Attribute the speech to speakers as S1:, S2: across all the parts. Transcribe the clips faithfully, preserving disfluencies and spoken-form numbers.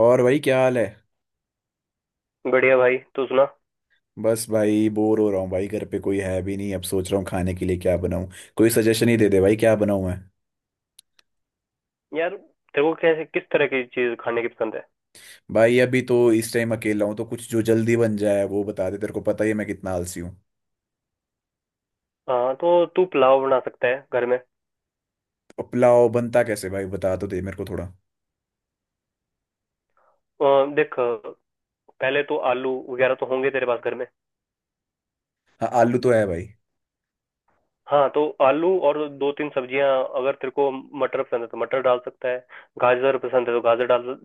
S1: और भाई, क्या हाल है।
S2: बढ़िया भाई। तू सुना?
S1: बस भाई, बोर हो रहा हूँ भाई, घर पे कोई है भी नहीं। अब सोच रहा हूँ खाने के लिए क्या बनाऊँ। कोई सजेशन ही दे दे भाई, क्या बनाऊँ मैं।
S2: यार तेरे को कैसे किस तरह की चीज खाने की पसंद है?
S1: भाई अभी तो इस टाइम अकेला हूँ, तो कुछ जो जल्दी बन जाए वो बता दे। तेरे को पता ही है मैं कितना आलसी हूँ।
S2: हाँ तो तू पुलाव बना सकता है घर में।
S1: और पुलाव बनता कैसे भाई, बता तो दे मेरे को थोड़ा।
S2: अ, देख पहले तो आलू वगैरह तो होंगे तेरे पास घर में।
S1: हाँ, आलू तो है भाई।
S2: हाँ तो आलू और दो तीन सब्जियां। अगर तेरे को मटर पसंद है तो मटर डाल सकता है। गाजर पसंद है तो गाजर डाल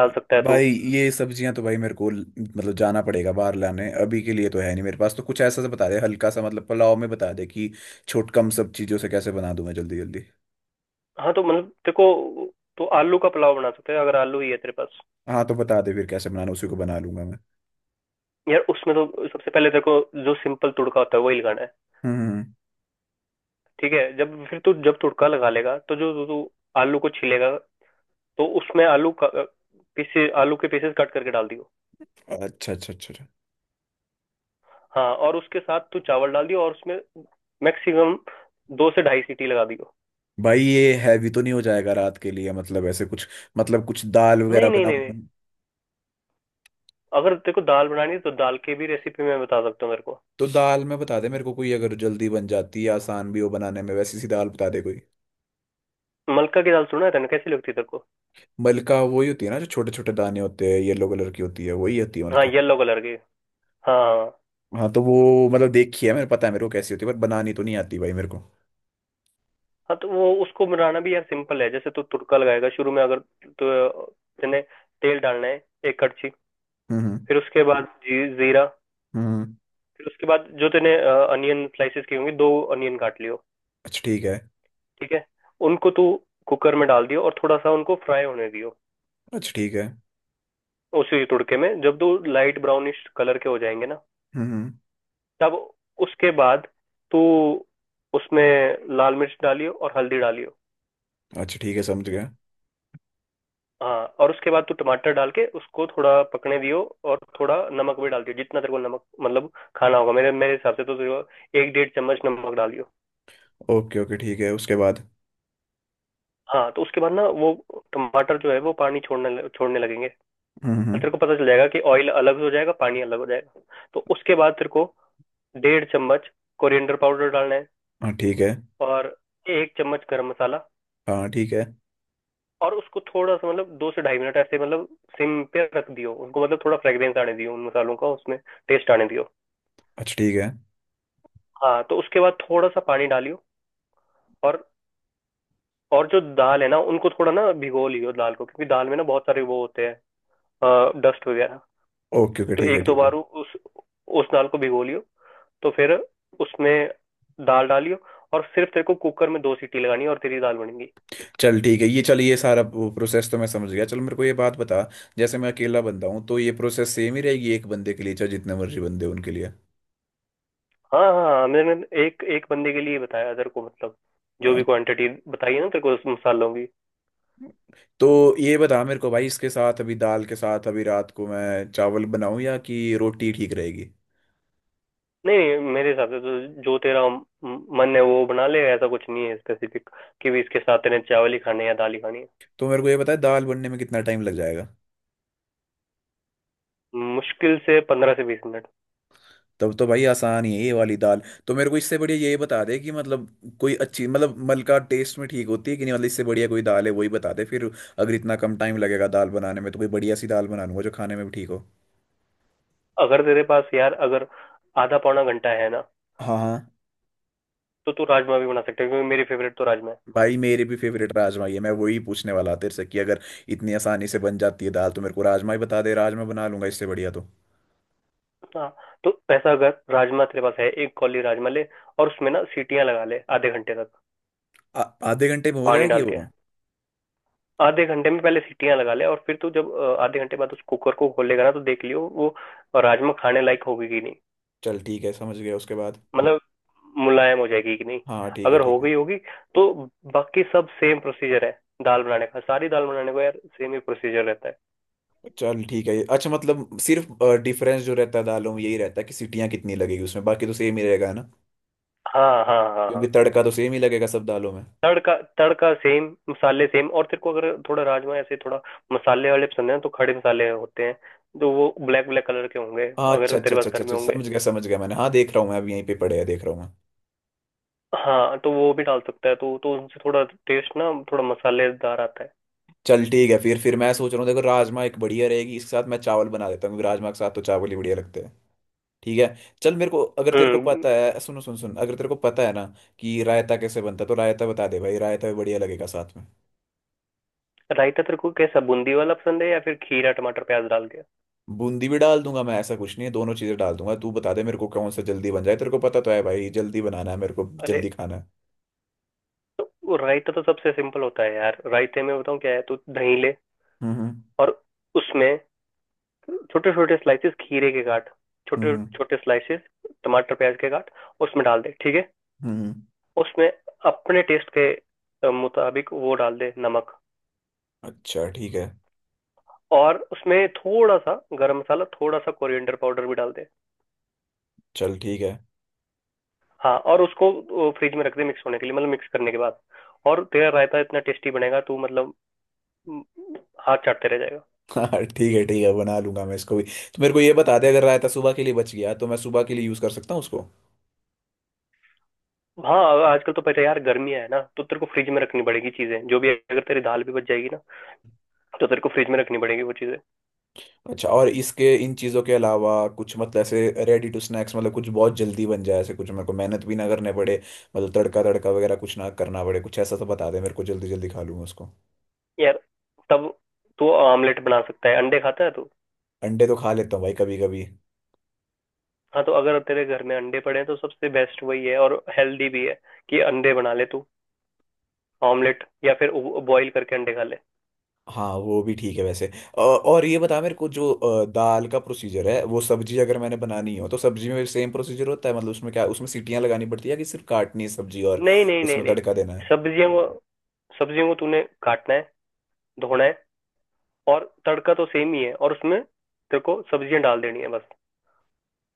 S2: डाल सकता है तू।
S1: भाई, ये सब्जियां तो भाई मेरे को ल- मतलब जाना पड़ेगा बाहर लाने। अभी के लिए तो है नहीं मेरे पास, तो कुछ ऐसा सा बता दे हल्का सा, मतलब पुलाव में बता दे कि छोट कम सब चीजों से कैसे बना दूं मैं जल्दी जल्दी।
S2: हाँ तो मतलब तेरे को तो आलू का पुलाव बना सकते हैं अगर आलू ही है तेरे पास।
S1: हाँ, तो बता दे फिर कैसे बनाना, उसी को बना लूंगा मैं।
S2: यार उसमें तो सबसे पहले तेरे को जो सिंपल तुड़का होता है वही लगाना है।
S1: हम्म हम्म, हम्म।
S2: ठीक है, जब फिर तू जब तुड़का लगा लेगा तो जो तू आलू को छीलेगा तो उसमें आलू का पीसे आलू के पीसेस कट करके डाल दियो।
S1: अच्छा अच्छा अच्छा अच्छा।
S2: हाँ और उसके साथ तू चावल डाल दियो और उसमें मैक्सिमम दो से ढाई सीटी लगा दियो।
S1: भाई, ये हैवी तो नहीं हो जाएगा रात के लिए, मतलब ऐसे कुछ, मतलब कुछ दाल
S2: नहीं
S1: वगैरह
S2: नहीं नहीं
S1: बनाऊं।
S2: नहीं। अगर तेरे को दाल बनानी है तो दाल की भी रेसिपी मैं बता सकता हूँ। मेरे को
S1: तो दाल में बता दे मेरे को कोई, अगर जल्दी बन जाती है, आसान भी हो बनाने में, वैसी सी दाल बता दे कोई।
S2: मलका की दाल सुना है तेने? कैसी लगती है तेरे को?
S1: मलका वही होती है ना, जो छोटे छोटे दाने होते हैं, येलो कलर की होती है, वही होती है
S2: हाँ
S1: मलका।
S2: येलो कलर की। हाँ हाँ।
S1: हाँ, तो वो मतलब देखी है, मेरे पता है मेरे को कैसी होती है, पर बनानी तो नहीं आती भाई मेरे को।
S2: हाँ तो वो उसको बनाना भी यार सिंपल है। जैसे तू तुड़का लगाएगा शुरू में, अगर तो तेने तेल डालना है एक कड़छी।
S1: हम्म हम्म।
S2: फिर उसके बाद जी, जीरा।
S1: हम्म। हम्म।
S2: फिर उसके बाद जो तेने अनियन स्लाइसेस की होंगी, दो अनियन काट लियो।
S1: अच्छा ठीक है।
S2: ठीक है, उनको तू कुकर में डाल दियो और थोड़ा सा उनको फ्राई होने दियो।
S1: अच्छा ठीक है।
S2: उसी तुड़के में जब दो लाइट ब्राउनिश कलर के हो जाएंगे ना,
S1: हम्म हम्म।
S2: तब उसके बाद तू उसमें लाल मिर्च डालियो और हल्दी डालियो।
S1: अच्छा ठीक है, समझ गया।
S2: हाँ और उसके बाद तू टमाटर डाल के उसको थोड़ा पकने दियो। और थोड़ा नमक भी डाल दियो जितना तेरे को नमक मतलब खाना होगा। मेरे मेरे हिसाब से तो तेरे को एक डेढ़ चम्मच नमक डालियो।
S1: ओके ओके ठीक है, उसके बाद?
S2: हाँ तो उसके बाद ना वो टमाटर जो है वो पानी छोड़ने छोड़ने लगेंगे। तो
S1: हम्म हम्म।
S2: तेरे को पता चल जाएगा कि ऑयल अलग हो जाएगा पानी अलग हो जाएगा। तो उसके बाद तेरे को डेढ़ चम्मच कोरिएंडर पाउडर डालना है
S1: हाँ ठीक है।
S2: और एक चम्मच गरम मसाला।
S1: हाँ ठीक है।
S2: और उसको थोड़ा सा मतलब दो से ढाई मिनट ऐसे मतलब सिम पे रख दियो उनको, मतलब थोड़ा फ्रेग्रेंस आने दियो उन मसालों का, उसमें टेस्ट आने दियो।
S1: अच्छा ठीक है।
S2: हाँ तो उसके बाद थोड़ा सा पानी डालियो और और जो दाल है ना उनको थोड़ा ना भिगो लियो दाल को, क्योंकि दाल में ना बहुत सारे वो होते हैं, डस्ट वगैरह।
S1: ओके ओके
S2: तो
S1: ठीक है
S2: एक दो
S1: ठीक है।
S2: बार उस उस दाल को भिगो लियो। तो फिर उसमें दाल डालियो और सिर्फ तेरे को कुकर में दो सीटी लगानी है और तेरी दाल बनेगी।
S1: चल ठीक है ये, चल ये सारा प्रोसेस तो मैं समझ गया। चल मेरे को ये बात बता, जैसे मैं अकेला बंदा हूँ, तो ये प्रोसेस सेम ही रहेगी एक बंदे के लिए, चाहे जितने मर्जी बंदे हों उनके लिए?
S2: हाँ हाँ हाँ, मैंने एक एक बंदे के लिए बताया तेरे को मतलब। जो
S1: अ,
S2: भी क्वांटिटी बताई है ना तेरे को उस मसालों की।
S1: तो ये बता मेरे को भाई, इसके साथ अभी दाल के साथ, अभी रात को मैं चावल बनाऊं या कि रोटी ठीक रहेगी।
S2: नहीं नहीं, मेरे हिसाब से तो जो तेरा म- मन है वो बना ले, ऐसा कुछ नहीं है स्पेसिफिक कि भी इसके साथ तेरे चावल ही खाने हैं या दाल ही खानी है।
S1: तो मेरे को ये बता, दाल बनने में कितना टाइम लग जाएगा।
S2: मुश्किल से पंद्रह से बीस मिनट।
S1: तब तो भाई आसान ही है ये वाली दाल। तो मेरे को इससे बढ़िया यही बता दे कि मतलब कोई अच्छी, मतलब मलका टेस्ट में ठीक होती है कि नहीं, मतलब इससे बढ़िया कोई दाल है वही बता दे फिर। अगर इतना कम टाइम लगेगा दाल बनाने में तो कोई बढ़िया सी दाल बना लूंगा जो खाने में भी ठीक हो।
S2: अगर तेरे पास यार अगर आधा पौना घंटा है ना
S1: हाँ हाँ।
S2: तो तू राजमा भी बना सकते है, क्योंकि मेरी फेवरेट तो राजमा है।
S1: भाई मेरी भी फेवरेट राजमा ही है, मैं वही पूछने वाला था तेरे से कि अगर इतनी आसानी से बन जाती है दाल तो मेरे को राजमा ही बता दे, राजमा बना लूंगा इससे बढ़िया तो।
S2: हाँ तो ऐसा अगर राजमा तेरे पास है, एक कौली राजमा ले। और उसमें ना सीटियां लगा ले आधे घंटे तक,
S1: आ- आधे घंटे में हो
S2: पानी
S1: जाएगी
S2: डाल के।
S1: वो?
S2: आधे घंटे में पहले सीटियां लगा ले और फिर तू जब अ, आधे घंटे बाद उस कुकर को खोलेगा ना तो देख लियो वो राजमा खाने लायक होगी कि नहीं।
S1: चल ठीक है, समझ गया। उसके बाद?
S2: मतलब मुलायम हो जाएगी कि नहीं।
S1: हाँ ठीक है
S2: अगर हो
S1: ठीक है।
S2: गई होगी तो बाकी सब सेम प्रोसीजर है। दाल बनाने का, सारी दाल बनाने का यार सेम ही प्रोसीजर रहता है।
S1: चल ठीक है, अच्छा मतलब सिर्फ डिफरेंस जो रहता है दालों में यही रहता है कि सीटियाँ कितनी लगेगी उसमें, बाकी तो सेम ही रहेगा ना।
S2: हाँ हाँ हाँ
S1: क्योंकि
S2: हाँ।
S1: तड़का तो सेम ही लगेगा सब दालों में।
S2: तड़का तड़का सेम, मसाले सेम। और तेरे को अगर थोड़ा राजमा ऐसे थोड़ा मसाले वाले पसंद है तो खड़े मसाले होते हैं। तो वो ब्लैक ब्लैक कलर के होंगे,
S1: हाँ अच्छा
S2: अगर
S1: अच्छा
S2: तेरे
S1: अच्छा
S2: पास
S1: अच्छा
S2: घर में
S1: अच्छा,
S2: होंगे।
S1: समझ गया समझ गया मैंने। हाँ, देख रहा हूँ मैं, अब यहीं पे पड़े हैं, देख रहा हूँ मैं।
S2: हाँ तो वो भी डाल सकता है तो तो उनसे थोड़ा टेस्ट ना थोड़ा मसालेदार आता है।
S1: चल ठीक है फिर फिर मैं सोच रहा हूँ, देखो राजमा एक बढ़िया रहेगी, इसके साथ मैं चावल बना देता हूँ क्योंकि राजमा के साथ तो चावल ही बढ़िया लगते हैं। ठीक है। चल मेरे को, अगर तेरे को
S2: हम्म।
S1: पता है, सुनो सुन सुन, अगर तेरे को पता है ना कि रायता कैसे बनता है तो रायता बता दे भाई, रायता भी बढ़िया लगेगा साथ में।
S2: रायता तेरे को कैसा बूंदी वाला पसंद है या फिर खीरा टमाटर प्याज डाल के?
S1: बूंदी भी डाल दूंगा मैं, ऐसा कुछ नहीं है, दोनों चीजें डाल दूंगा। तू बता दे मेरे को कौन सा जल्दी बन जाए, तेरे को पता तो है भाई, जल्दी बनाना है मेरे को,
S2: अरे
S1: जल्दी खाना है।
S2: तो वो रायता तो सबसे सिंपल होता है यार। रायते में बताऊँ क्या है तो दही ले
S1: हम्म
S2: और उसमें छोटे छोटे स्लाइसेस खीरे के काट।
S1: हम्म
S2: छोटे
S1: हम्म
S2: छोटे स्लाइसेस टमाटर प्याज के काट। उसमें डाल दे, ठीक है।
S1: हम्म।
S2: उसमें अपने टेस्ट के अ, मुताबिक वो डाल दे, नमक।
S1: अच्छा ठीक है।
S2: और उसमें थोड़ा सा गरम मसाला, थोड़ा सा कोरिएंडर पाउडर भी डाल दे।
S1: चल ठीक है।
S2: हाँ और उसको फ्रिज में रख दे मिक्स होने के लिए, मतलब मिक्स करने के बाद। और तेरा रायता इतना टेस्टी बनेगा तू मतलब म, हाथ चाटते रह जाएगा।
S1: हाँ ठीक है ठीक है, बना लूंगा मैं इसको भी। तो मेरे को ये बता दे, अगर रायता सुबह के लिए बच गया तो मैं सुबह के लिए यूज कर सकता हूँ उसको?
S2: हाँ आजकल तो पता है यार गर्मियाँ है ना तो तेरे को फ्रिज में रखनी पड़ेगी चीजें जो भी। अगर तेरी दाल भी बच जाएगी ना तो तेरे को फ्रिज में रखनी पड़ेगी वो चीजें।
S1: अच्छा। और इसके इन चीजों के अलावा कुछ, मतलब ऐसे रेडी टू स्नैक्स, मतलब कुछ बहुत जल्दी बन जाए, ऐसे कुछ मेरे को मेहनत भी ना करने पड़े, मतलब तड़का तड़का वगैरह कुछ ना करना पड़े, कुछ ऐसा तो बता दे मेरे को, जल्दी जल्दी खा लूंगा उसको।
S2: यार तब तू ऑमलेट बना सकता है। अंडे खाता है तू?
S1: अंडे तो खा लेता हूँ भाई, कभी कभी।
S2: हाँ तो अगर तेरे घर में अंडे पड़े हैं तो सबसे बेस्ट वही है और हेल्दी भी है कि अंडे बना ले तू, ऑमलेट, या फिर बॉईल करके अंडे खा ले।
S1: हाँ वो भी ठीक है वैसे। अ, और ये बता मेरे को, जो अ, दाल का प्रोसीजर है, वो सब्जी अगर मैंने बनानी हो तो सब्जी में भी सेम प्रोसीजर होता है, मतलब उसमें क्या उसमें सीटियाँ लगानी पड़ती है कि सिर्फ काटनी है सब्जी और
S2: नहीं नहीं नहीं
S1: उसमें
S2: नहीं।
S1: तड़का देना है?
S2: सब्जियों को, सब्जियों को तूने काटना है, धोना है, और तड़का तो सेम ही है, और उसमें तेरे को सब्जियां डाल देनी है बस।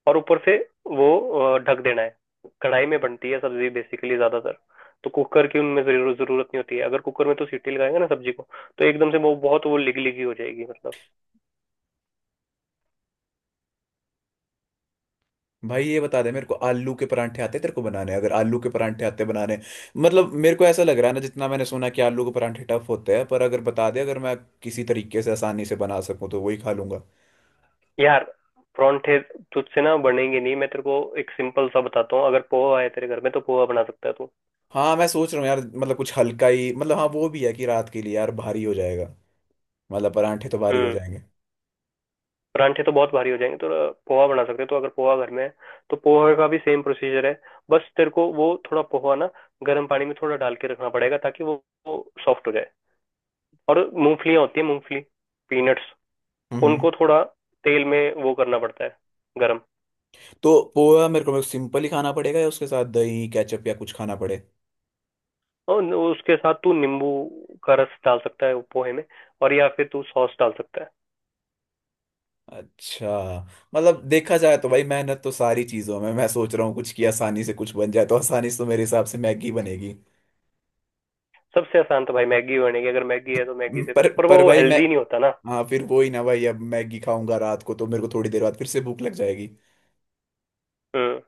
S2: और ऊपर से वो अ, ढक देना है। कढ़ाई में बनती है सब्जी बेसिकली, ज्यादातर। तो कुकर की उनमें जरूर जरूरत नहीं होती है। अगर कुकर में तो सीटी लगाएंगे ना सब्जी को तो एकदम से वो बहुत वो लिग लिगी हो जाएगी मतलब।
S1: भाई, ये बता दे मेरे को, आलू के परांठे आते हैं तेरे को बनाने? अगर आलू के परांठे आते बनाने, मतलब मेरे को ऐसा लग रहा है ना, जितना मैंने सुना कि आलू के परांठे टफ होते हैं, पर अगर बता दे, अगर मैं किसी तरीके से आसानी से बना सकूं तो वही खा लूंगा।
S2: यार परांठे तुझसे ना बनेंगे नहीं। मैं तेरे को एक सिंपल सा बताता हूँ, अगर पोहा है तेरे घर में तो पोहा बना सकता है तू।
S1: हाँ मैं सोच रहा हूँ यार, मतलब कुछ हल्का ही, मतलब हाँ वो भी है कि रात के लिए यार भारी हो जाएगा, मतलब परांठे तो भारी हो
S2: हम्म।
S1: जाएंगे।
S2: परांठे तो बहुत भारी हो जाएंगे तो पोहा बना सकते हैं। तो अगर पोहा घर में है तो पोहा का भी सेम प्रोसीजर है। बस तेरे को वो थोड़ा पोहा ना गर्म पानी में थोड़ा डाल के रखना पड़ेगा ताकि वो सॉफ्ट हो जाए। और मूंगफलियां होती है, मूंगफली, पीनट्स,
S1: हम्म।
S2: उनको थोड़ा तेल में वो करना पड़ता है, गरम।
S1: तो पोहा मेरे को सिंपल ही खाना पड़ेगा, या उसके साथ दही केचप या कुछ खाना पड़े?
S2: और न- उसके साथ तू नींबू का रस डाल सकता है पोहे में, और या फिर तू सॉस डाल सकता है।
S1: अच्छा। मतलब देखा जाए तो भाई मेहनत तो सारी चीजों में। मैं सोच रहा हूँ कुछ की आसानी से कुछ बन जाए, तो आसानी से तो मेरे हिसाब से मैगी बनेगी।
S2: सबसे आसान तो भाई मैगी बनेगी, अगर मैगी है तो मैगी से,
S1: पर
S2: पर वो
S1: पर भाई मैं,
S2: हेल्दी नहीं होता ना।
S1: हाँ फिर वो ही ना भाई, अब मैगी खाऊंगा रात को तो मेरे को थोड़ी देर बाद फिर से भूख लग जाएगी।
S2: हम्म।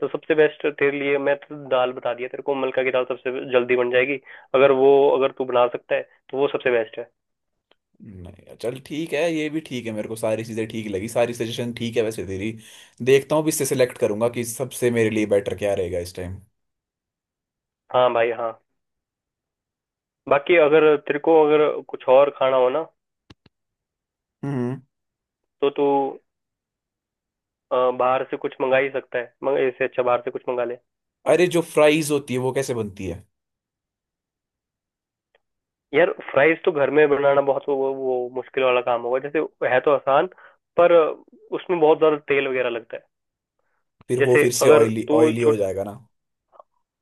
S2: तो सबसे बेस्ट तेरे लिए मैं तो दाल बता दिया तेरे को, मलका की दाल सबसे जल्दी बन जाएगी। अगर वो, अगर तू बना सकता है तो वो सबसे बेस्ट है।
S1: नहीं चल ठीक है, ये भी ठीक है, मेरे को सारी चीजें ठीक लगी, सारी सजेशन ठीक है वैसे तेरी। देखता हूँ, भी इससे सेलेक्ट करूंगा कि सबसे मेरे लिए बेटर क्या रहेगा इस टाइम।
S2: हाँ भाई हाँ। बाकी अगर तेरे को अगर कुछ और खाना हो ना तो तू अ, बाहर से कुछ मंगा ही सकता है। मग इससे अच्छा बाहर से कुछ मंगा ले।
S1: अरे, जो फ्राइज होती है वो कैसे बनती है?
S2: यार फ्राइज तो घर में बनाना बहुत वो, वो मुश्किल वाला काम होगा। जैसे है तो आसान, पर उसमें बहुत ज्यादा तेल वगैरह लगता है।
S1: फिर वो
S2: जैसे
S1: फिर से
S2: अगर
S1: ऑयली
S2: तू
S1: ऑयली हो
S2: छोट
S1: जाएगा ना?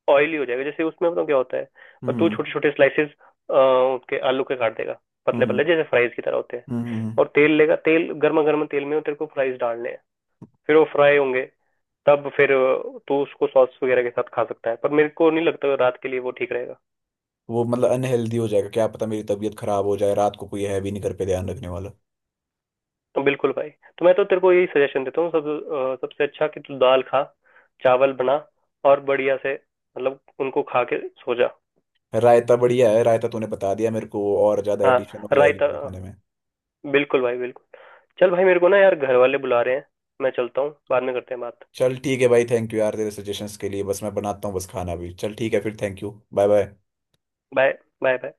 S2: ऑयली हो जाएगा, जैसे उसमें बताऊँ क्या होता है, और तू
S1: हम्म।
S2: छोटे छोटे स्लाइसेस उसके आलू के काट देगा पतले
S1: हम्म।
S2: पतले जैसे फ्राइज की तरह होते हैं।
S1: हम्म।
S2: और तेल लेगा, तेल गर्मा गर्म तेल में वो तेरे को फ्राइज डालने हैं, फिर वो फ्राई होंगे। तब फिर अ, तू उसको सॉस वगैरह के साथ खा सकता है, पर मेरे को नहीं लगता रात के लिए वो ठीक रहेगा।
S1: वो मतलब अनहेल्दी हो जाएगा, क्या पता मेरी तबीयत खराब हो जाए रात को, कोई है भी नहीं घर पे ध्यान रखने वाला।
S2: बिल्कुल भाई। तो मैं तो तेरे को यही सजेशन देता हूँ, सब अ, सबसे अच्छा कि तू दाल खा, चावल बना, और बढ़िया से मतलब उनको खा के सो जा।
S1: रायता बढ़िया है, रायता तूने बता दिया मेरे को, और ज्यादा
S2: हाँ।
S1: एडिशन हो जाएगी
S2: रायता
S1: मेरे खाने में।
S2: बिल्कुल भाई, बिल्कुल। चल भाई, मेरे को ना यार घर वाले बुला रहे हैं, मैं चलता हूँ, बाद में करते हैं बात।
S1: चल ठीक है भाई, थैंक यू यार तेरे सजेशंस के लिए। बस मैं बनाता हूँ बस खाना भी। चल ठीक है फिर, thank you, bye bye.
S2: Bye. Bye bye.